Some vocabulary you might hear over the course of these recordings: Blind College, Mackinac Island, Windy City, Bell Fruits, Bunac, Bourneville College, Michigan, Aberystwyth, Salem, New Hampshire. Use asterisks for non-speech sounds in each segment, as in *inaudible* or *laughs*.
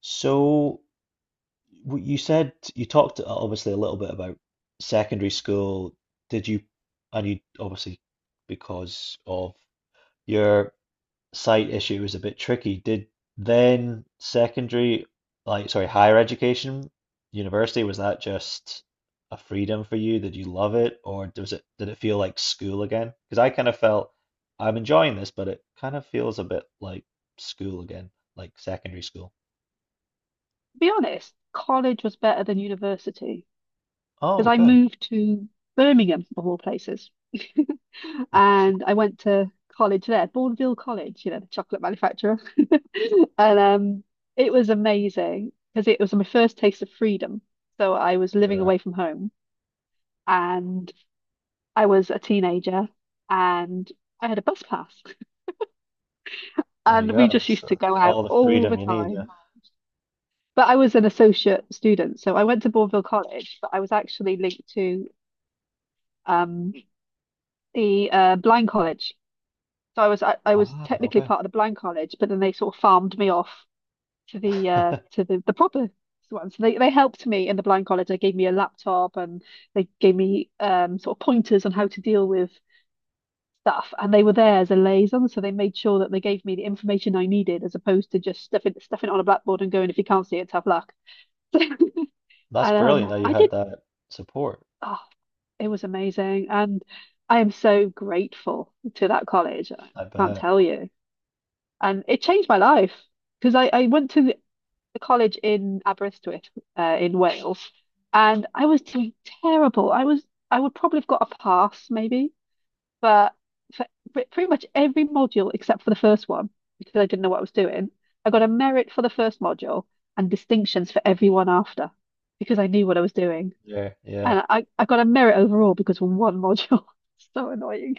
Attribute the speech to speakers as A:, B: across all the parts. A: So you said you talked obviously a little bit about secondary school. Did you, and you obviously because of your sight issue was a bit tricky. Did then secondary, like sorry, higher education, university, was that just a freedom for you? Did you love it, or was it did it feel like school again? Because I kind of felt I'm enjoying this, but it kind of feels a bit like school again, like secondary school.
B: To be honest, college was better than university because
A: Oh,
B: I
A: okay.
B: moved to Birmingham, of all places. *laughs*
A: *laughs*
B: And I went to college there, Bourneville College, you know, the chocolate manufacturer. *laughs* And It was amazing because it was my first taste of freedom. So I was living
A: Yeah,
B: away from home and I was a teenager and I had a bus pass. *laughs*
A: there you
B: And we
A: go.
B: just used to
A: So
B: go out
A: all the
B: all
A: freedom
B: the
A: you need, yeah.
B: time. But I was an associate student, so I went to Bourneville College, but I was actually linked to um, the Blind College. So I was
A: Ah,
B: technically
A: okay.
B: part of the Blind College, but then they sort of farmed me off to the uh,
A: *laughs*
B: to the, the proper one. So they helped me in the Blind College. They gave me a laptop and they gave me sort of pointers on how to deal with stuff. And they were there as a liaison, so they made sure that they gave me the information I needed, as opposed to just stuffing it on a blackboard and going, if you can't see it, tough luck. *laughs* and,
A: That's brilliant that you
B: I
A: had
B: did.
A: that support.
B: Oh, it was amazing. And I am so grateful to that college. I
A: I
B: can't
A: bet.
B: tell you. And it changed my life because I went to the college in Aberystwyth, in Wales, and I was doing terrible. I was I would probably have got a pass maybe, but for pretty much every module except for the first one, because I didn't know what I was doing. I got a merit for the first module and distinctions for everyone after because I knew what I was doing.
A: Yeah, yeah.
B: And I got a merit overall because of one module. *laughs* So annoying.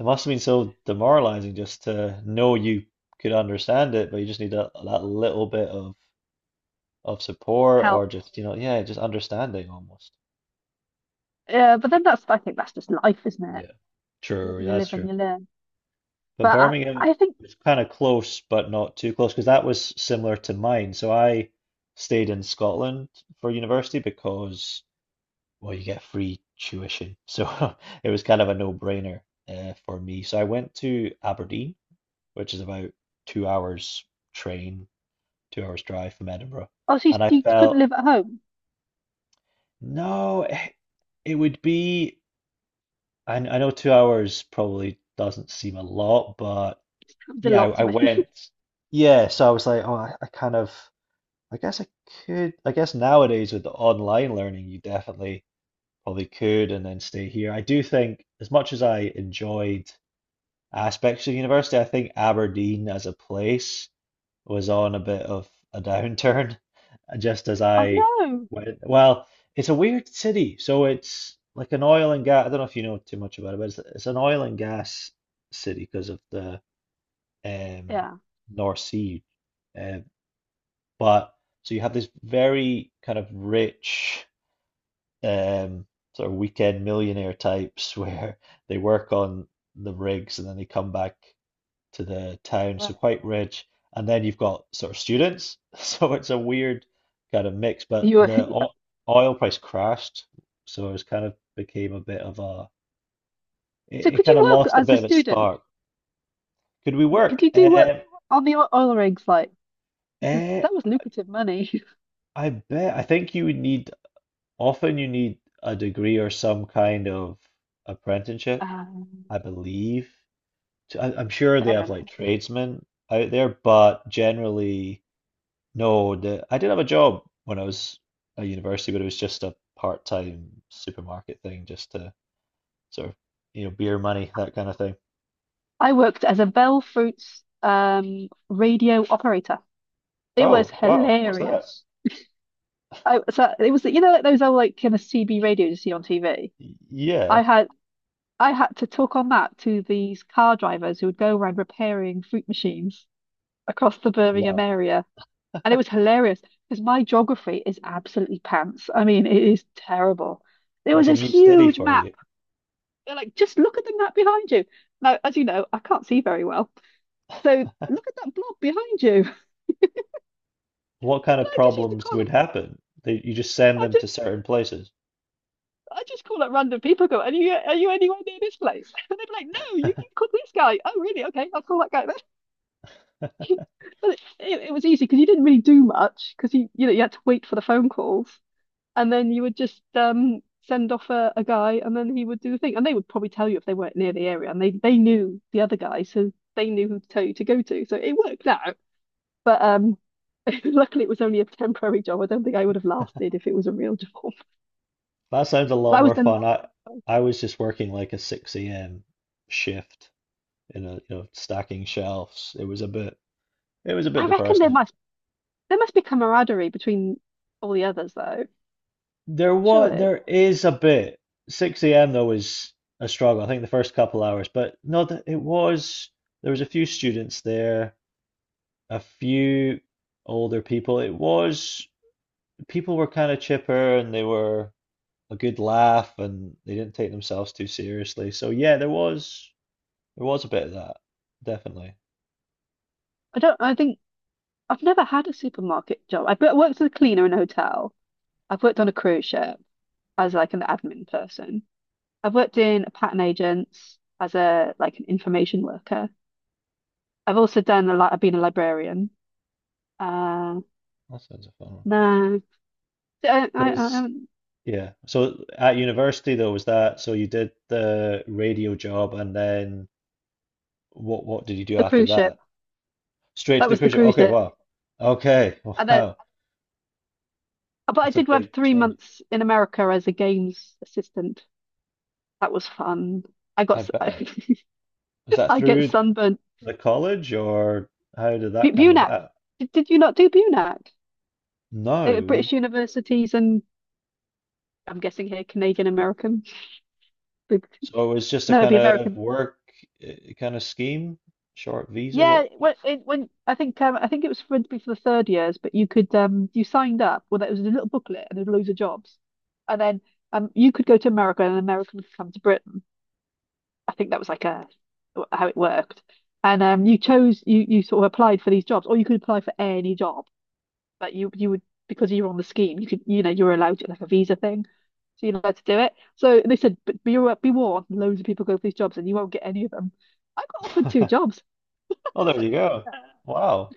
A: It must have been so demoralizing just to know you could understand it, but you just need that little bit of support or
B: Help.
A: just, yeah, just understanding almost.
B: Yeah, but then that's, I think that's just life, isn't it?
A: Yeah.
B: You,
A: True, yeah,
B: you
A: that's
B: live and
A: true.
B: you learn.
A: But
B: But I,
A: Birmingham
B: I think,
A: was kind of close, but not too close, because that was similar to mine. So I stayed in Scotland for university because well, you get free tuition. So *laughs* it was kind of a no-brainer for me. So I went to Aberdeen, which is about 2 hours train, 2 hours drive from Edinburgh.
B: oh, so you,
A: And I
B: you couldn't
A: felt,
B: live at home.
A: no, it would be, I know 2 hours probably doesn't seem a lot, but
B: *laughs* It's a
A: yeah, I,
B: lot
A: I
B: to me.
A: went,
B: *laughs*
A: yeah, so I was like, oh, I kind of, I guess I could, I guess nowadays with the online learning, you definitely probably could and then stay here. I do think, as much as I enjoyed aspects of university, I think Aberdeen as a place was on a bit of a downturn *laughs* just as
B: Oh,
A: I
B: no.
A: went. Well, it's a weird city. So it's like an oil and gas. I don't know if you know too much about it, but it's an oil and gas city because of the um,
B: Yeah,
A: North Sea. Uh, but so you have this very kind of rich um, sort of weekend millionaire types *laughs* where they work on the rigs and then they come back to the town, so
B: right.
A: quite rich. And then you've got sort of students, *laughs* so it's a weird kind of mix. But
B: You were,
A: oil price crashed, so it's kind of became a bit of a
B: *laughs* so
A: it
B: could
A: kind
B: you
A: of
B: work
A: lost a
B: as a
A: bit of its
B: student?
A: spark. Could we
B: Could
A: work?
B: you do work on the oil rigs, like, because
A: Eh,
B: that was lucrative money. *laughs*
A: I bet. I think you would need often you need a degree or some kind of apprenticeship,
B: Um,
A: I believe. So I'm sure they
B: Fair
A: have like
B: enough.
A: tradesmen out there, but generally, no. The I did have a job when I was at university, but it was just a part-time supermarket thing, just to sort of, you know, beer money, that kind of thing.
B: I worked as a Bell Fruits radio operator. It was
A: Oh, wow, what's that?
B: hilarious. I so it was, you know, like those old, like, kind of CB radios you see on TV.
A: Yeah,
B: I had I had to talk on that to these car drivers who would go around repairing fruit machines across the Birmingham
A: wow,
B: area, and it was hilarious because my geography is absolutely pants. I mean, it is terrible. There was
A: that's a
B: this
A: new study
B: huge
A: for
B: map.
A: you.
B: They're like, just look at the map behind you. Now, as you know, I can't see very well, so look at that blob behind you. *laughs*
A: What kind
B: And
A: of
B: I just used to
A: problems
B: call
A: would
B: them.
A: happen? They, you just send
B: I
A: them to
B: just
A: certain places.
B: I just call up random people. Go, are you anywhere near this place? *laughs* And they'd be like, no, you can
A: *laughs*
B: call this guy. Oh, really? Okay, I'll call that guy then. *laughs* But it was easy because you didn't really do much because you know, you had to wait for the phone calls, and then you would just send off a guy, and then he would do the thing, and they would probably tell you if they weren't near the area, and they knew the other guy, so they knew who to tell you to go to. So it worked out, but. *laughs* Luckily, it was only a temporary job. I don't think I would have lasted if it was a real job.
A: That sounds a
B: *laughs* But
A: lot
B: I was
A: more
B: then,
A: fun. I was just working like a 6 a.m. shift in a, you know, stacking shelves. It was a bit, it was a bit
B: I reckon there
A: depressing.
B: must there must be camaraderie between all the others, though.
A: There what
B: Surely.
A: there is a bit. 6 a.m. though was a struggle. I think the first couple hours, but no, it was. There was a few students there, a few older people. It was people were kind of chipper and they were a good laugh and they didn't take themselves too seriously. So yeah, there was a bit of that, definitely.
B: I think I've never had a supermarket job. I've worked as a cleaner in a hotel. I've worked on a cruise ship as like an admin person. I've worked in a patent agents as, a like, an information worker. I've also done a lot. I've been a librarian. Uh,
A: That sounds a fun one.
B: no, I
A: Was
B: haven't-
A: yeah. So at university though, was that so you did the radio job and then what did you do
B: the
A: after
B: cruise ship.
A: that? Straight
B: That
A: to the
B: was the
A: cruise ship.
B: cruise
A: Okay,
B: ship.
A: wow. Okay,
B: And
A: *laughs*
B: then,
A: wow.
B: but I
A: That's a
B: did work
A: big
B: three
A: change.
B: months in America as a games assistant. That was fun. I got
A: I
B: s-
A: bet. Was
B: *laughs*
A: that
B: I get
A: through
B: sunburnt.
A: the college or how did
B: Bu
A: that come
B: Bunac.
A: about?
B: Did you not do Bunac at
A: No, we
B: British universities and I'm guessing here Canadian American? *laughs*
A: so it was just a
B: No, it'd
A: kind
B: be
A: of
B: American.
A: work uh, kind of scheme, short visa. What?
B: Yeah, when I think it was for to be for the third years, but you could you signed up. Well, that was a little booklet and there's loads of jobs, and then you could go to America and an American could come to Britain. I think that was like a how it worked, and you chose you sort of applied for these jobs, or you could apply for any job. Like you would because you were on the scheme, you could, you know, you were allowed to, like, a visa thing. So you're allowed to do it. So they said, but be be warned, loads of people go for these jobs and you won't get any of them. I got offered two
A: *laughs*
B: jobs. I
A: Oh,
B: was
A: there
B: like,
A: you go.
B: "Yeah,
A: Wow.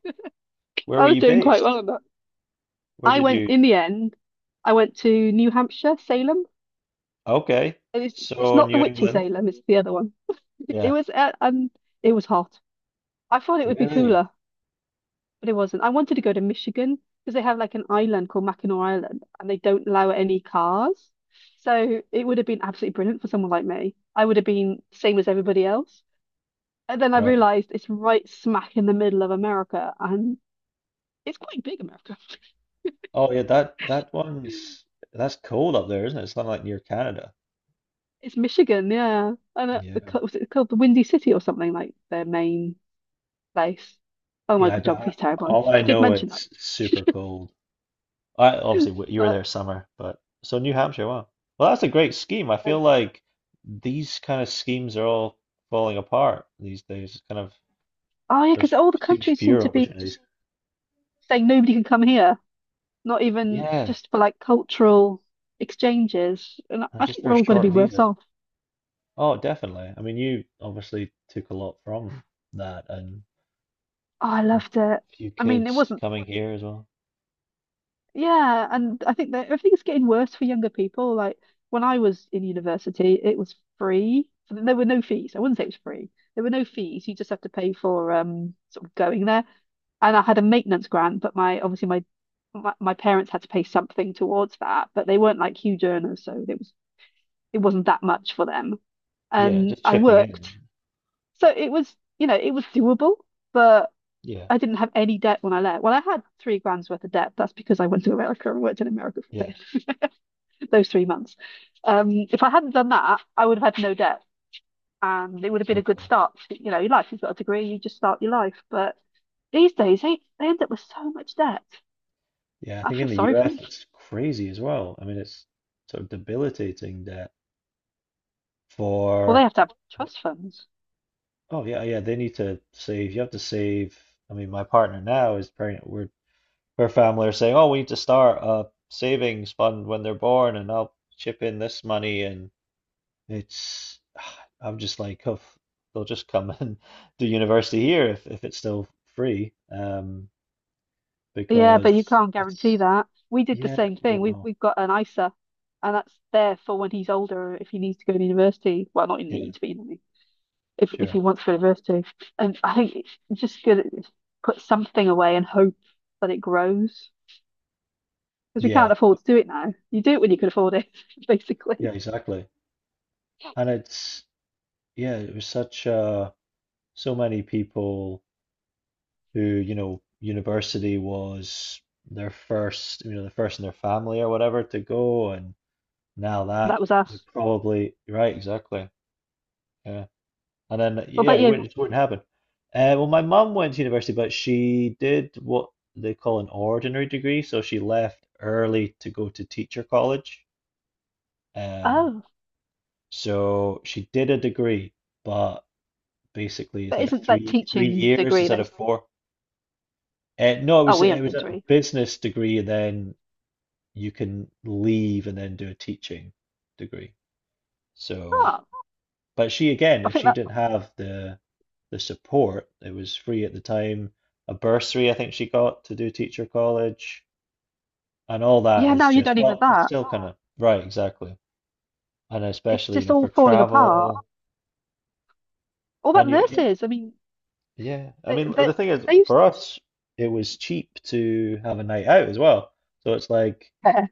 A: Where
B: I
A: were
B: was
A: you
B: doing quite well
A: based?
B: on that."
A: Where
B: I
A: did
B: went
A: you?
B: in the end, I went to New Hampshire, Salem.
A: Okay.
B: And it's
A: So
B: not the
A: New
B: witchy
A: England.
B: Salem, it's the other one. It
A: Yeah.
B: was uh, um it was hot. I thought it would be
A: Really?
B: cooler, but it wasn't. I wanted to go to Michigan because they have, like, an island called Mackinac Island and they don't allow any cars. So it would have been absolutely brilliant for someone like me. I would have been same as everybody else. And then I
A: Right. *laughs*
B: realized it's right smack in the middle of America and it's quite big, America.
A: Oh yeah, that that one's that's cold up there, isn't it? It's not like near Canada.
B: It's Michigan, yeah. And the
A: Yeah.
B: was it called the Windy City or something, like, their main place? Oh my
A: Yeah, I
B: God, geography's
A: bet.
B: terrible.
A: All I
B: I did
A: know
B: mention that,
A: it's super cold. I obviously you were there
B: but
A: summer, but so New Hampshire, wow. Well, that's a great scheme. I
B: um,
A: feel like these kind of schemes are all falling apart these days. It's kind of
B: oh yeah,
A: there's
B: because all the
A: seems
B: countries seem
A: fewer
B: to be
A: opportunities.
B: just saying nobody can come here, not even
A: Yeah,
B: just for, like, cultural exchanges. And
A: and
B: I think
A: just for
B: we're
A: a
B: all going to be
A: short
B: worse
A: visa.
B: off.
A: Oh, definitely. I mean, you obviously took a lot from that, and
B: Oh, I
A: a
B: loved it.
A: few
B: I mean, it
A: kids
B: wasn't,
A: coming here as well.
B: yeah. And I think that everything's getting worse for younger people. Like, when I was in university, it was free. There were no fees. I wouldn't say it was free. There were no fees. You just have to pay for sort of going there. And I had a maintenance grant, but my obviously my parents had to pay something towards that, but they weren't like huge earners, so it wasn't that much for them.
A: Yeah,
B: And
A: just
B: I
A: chipping
B: worked,
A: in.
B: so it was, you know, it was doable, but
A: Yeah,
B: I didn't have any debt when I left. Well, I had 3 grand's worth of debt. That's because I went to America and worked in America for a
A: yeah,
B: bit, *laughs* those 3 months. If I hadn't done that, I would have had no debt and it would have been a good
A: exactly.
B: start to, you know, your life. You've got a degree, you just start your life. But these days, they end up with so much debt.
A: Yeah, I
B: I
A: think in
B: feel
A: the
B: sorry for
A: US
B: them.
A: it's crazy as well. I mean, it's sort of debilitating that
B: Well, they
A: for,
B: have to have trust funds.
A: oh yeah, yeah, they need to save. You have to save. I mean, my partner now is pregnant. We're her family are saying, oh, we need to start a savings fund when they're born, and I'll chip in this money and it's *sighs* I'm just like, oh, they'll just come *laughs* and do university here if it's still free.
B: Yeah, but you
A: Because
B: can't guarantee
A: it's
B: that. We did the
A: yeah,
B: same thing. We've
A: well,
B: we've got an ISA, and that's there for when he's older if he needs to go to university. Well, not in
A: yeah,
B: needs, but you know what I mean. If
A: sure.
B: he wants to go to university, and I think it's just good to put something away and hope that it grows because we
A: Yeah,
B: can't afford to do it now. You do it when you can afford it, *laughs*
A: yeah,
B: basically.
A: exactly. And it's yeah, it was such so many people who, you know, university was their first, you know, the first in their family or whatever to go and now
B: That
A: that
B: was
A: they're
B: us.
A: probably right, exactly. Yeah. And then,
B: What
A: yeah,
B: about you?
A: it wouldn't happen. Well, my mum went to university, but she did what they call an ordinary degree. So she left early to go to teacher college. Um,
B: Oh,
A: so she did a degree, but basically it's
B: that
A: like a
B: isn't that
A: three
B: teaching
A: years
B: degree.
A: instead
B: That
A: of
B: is.
A: four. No,
B: Oh, we
A: it
B: only
A: was
B: did
A: a
B: three.
A: business degree, and then you can leave and then do a teaching degree. So
B: Oh,
A: but she again,
B: I
A: if
B: think
A: she
B: that.
A: didn't have the support, it was free at the time, a bursary I think she got to do teacher college, and all that
B: Yeah,
A: is
B: now you
A: just
B: don't even have
A: well, it's
B: that.
A: still kind of right, exactly, and
B: It's
A: especially you
B: just
A: know
B: all
A: for
B: falling apart.
A: travel
B: What about
A: and you,
B: nurses? I mean,
A: yeah, I
B: they
A: mean
B: they
A: the thing is
B: they used
A: for
B: to
A: us it was cheap to have a night out as well, so it's like
B: care.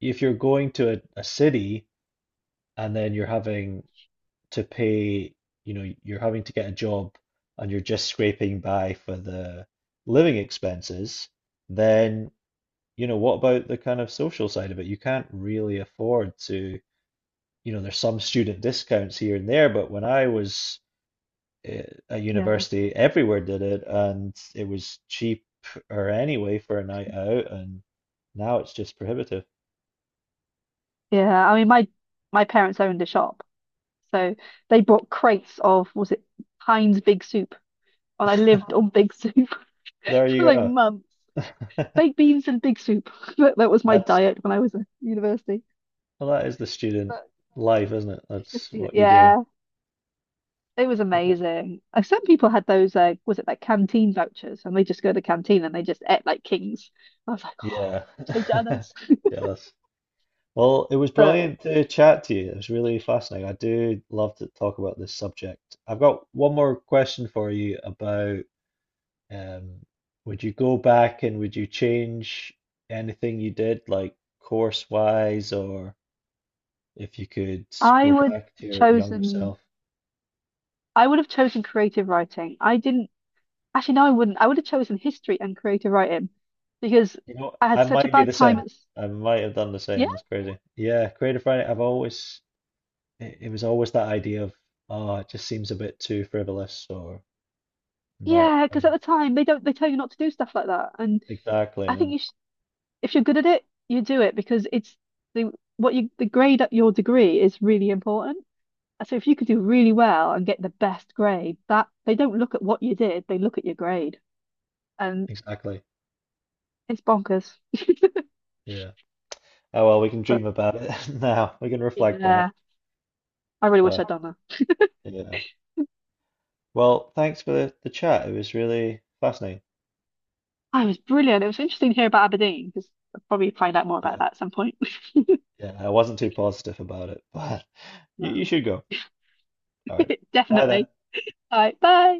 A: if you're going to a city and then you're having to pay, you know, you're having to get a job and you're just scraping by for the living expenses, then, you know, what about the kind of social side of it? You can't really afford to, you know, there's some student discounts here and there, but when I was eh, at
B: Yeah,
A: university, everywhere did it and it was cheap or anyway for a night out, and now it's just prohibitive.
B: yeah. I mean, my parents owned a shop, so they brought crates of was it Heinz Big Soup, and I lived
A: *laughs*
B: on Big Soup *laughs*
A: There
B: for,
A: you
B: like,
A: go.
B: months. Baked beans and Big Soup. *laughs* That
A: *laughs*
B: was my
A: That's
B: diet when I was at university.
A: well, that is the student
B: But
A: life, isn't it?
B: it's
A: That's
B: just, you know,
A: what you do.
B: yeah, it was
A: Right.
B: amazing. Like, some people had those was it, like, canteen vouchers, and they just go to the canteen and they just ate like kings. I was like, oh,
A: Yeah.
B: so
A: *laughs*
B: jealous. *laughs*
A: Jealous. Well, it was
B: But
A: brilliant to chat to you. It was really fascinating. I do love to talk about this subject. I've got one more question for you about um, would you go back and would you change anything you did, like course-wise, or if you could
B: I
A: go
B: would
A: back to your younger
B: chosen
A: self?
B: I would have chosen creative writing. I didn't actually no I wouldn't. I would have chosen history and creative writing because
A: You know,
B: I had
A: I
B: such a
A: might be
B: bad
A: the
B: time
A: same.
B: at
A: I might have done the same.
B: yeah
A: That's crazy. Yeah, Creative Friday. I've always it, it was always that idea of, oh, it just seems a bit too frivolous or not
B: yeah because
A: kind
B: at
A: of
B: the time they don't they tell you not to do stuff like that and
A: exactly,
B: I think
A: yeah,
B: you sh if you're good at it you do it because it's the what you the grade at your degree is really important. So if you could do really well and get the best grade that they don't look at what you did they look at your grade and
A: exactly,
B: it's bonkers
A: yeah. Oh well, we can
B: but
A: dream about it *laughs* now. We can reflect on it,
B: yeah I really wish
A: but
B: I'd done that.
A: yeah. Well, thanks for the chat. It was really fascinating.
B: Oh, it was brilliant. It was interesting to hear about Aberdeen because I'll probably find out more about
A: Yeah,
B: that at some point. *laughs*
A: yeah. I wasn't too positive about it, but *laughs* you
B: Um,
A: should go. All right.
B: *laughs*
A: Bye then.
B: definitely. All right, bye.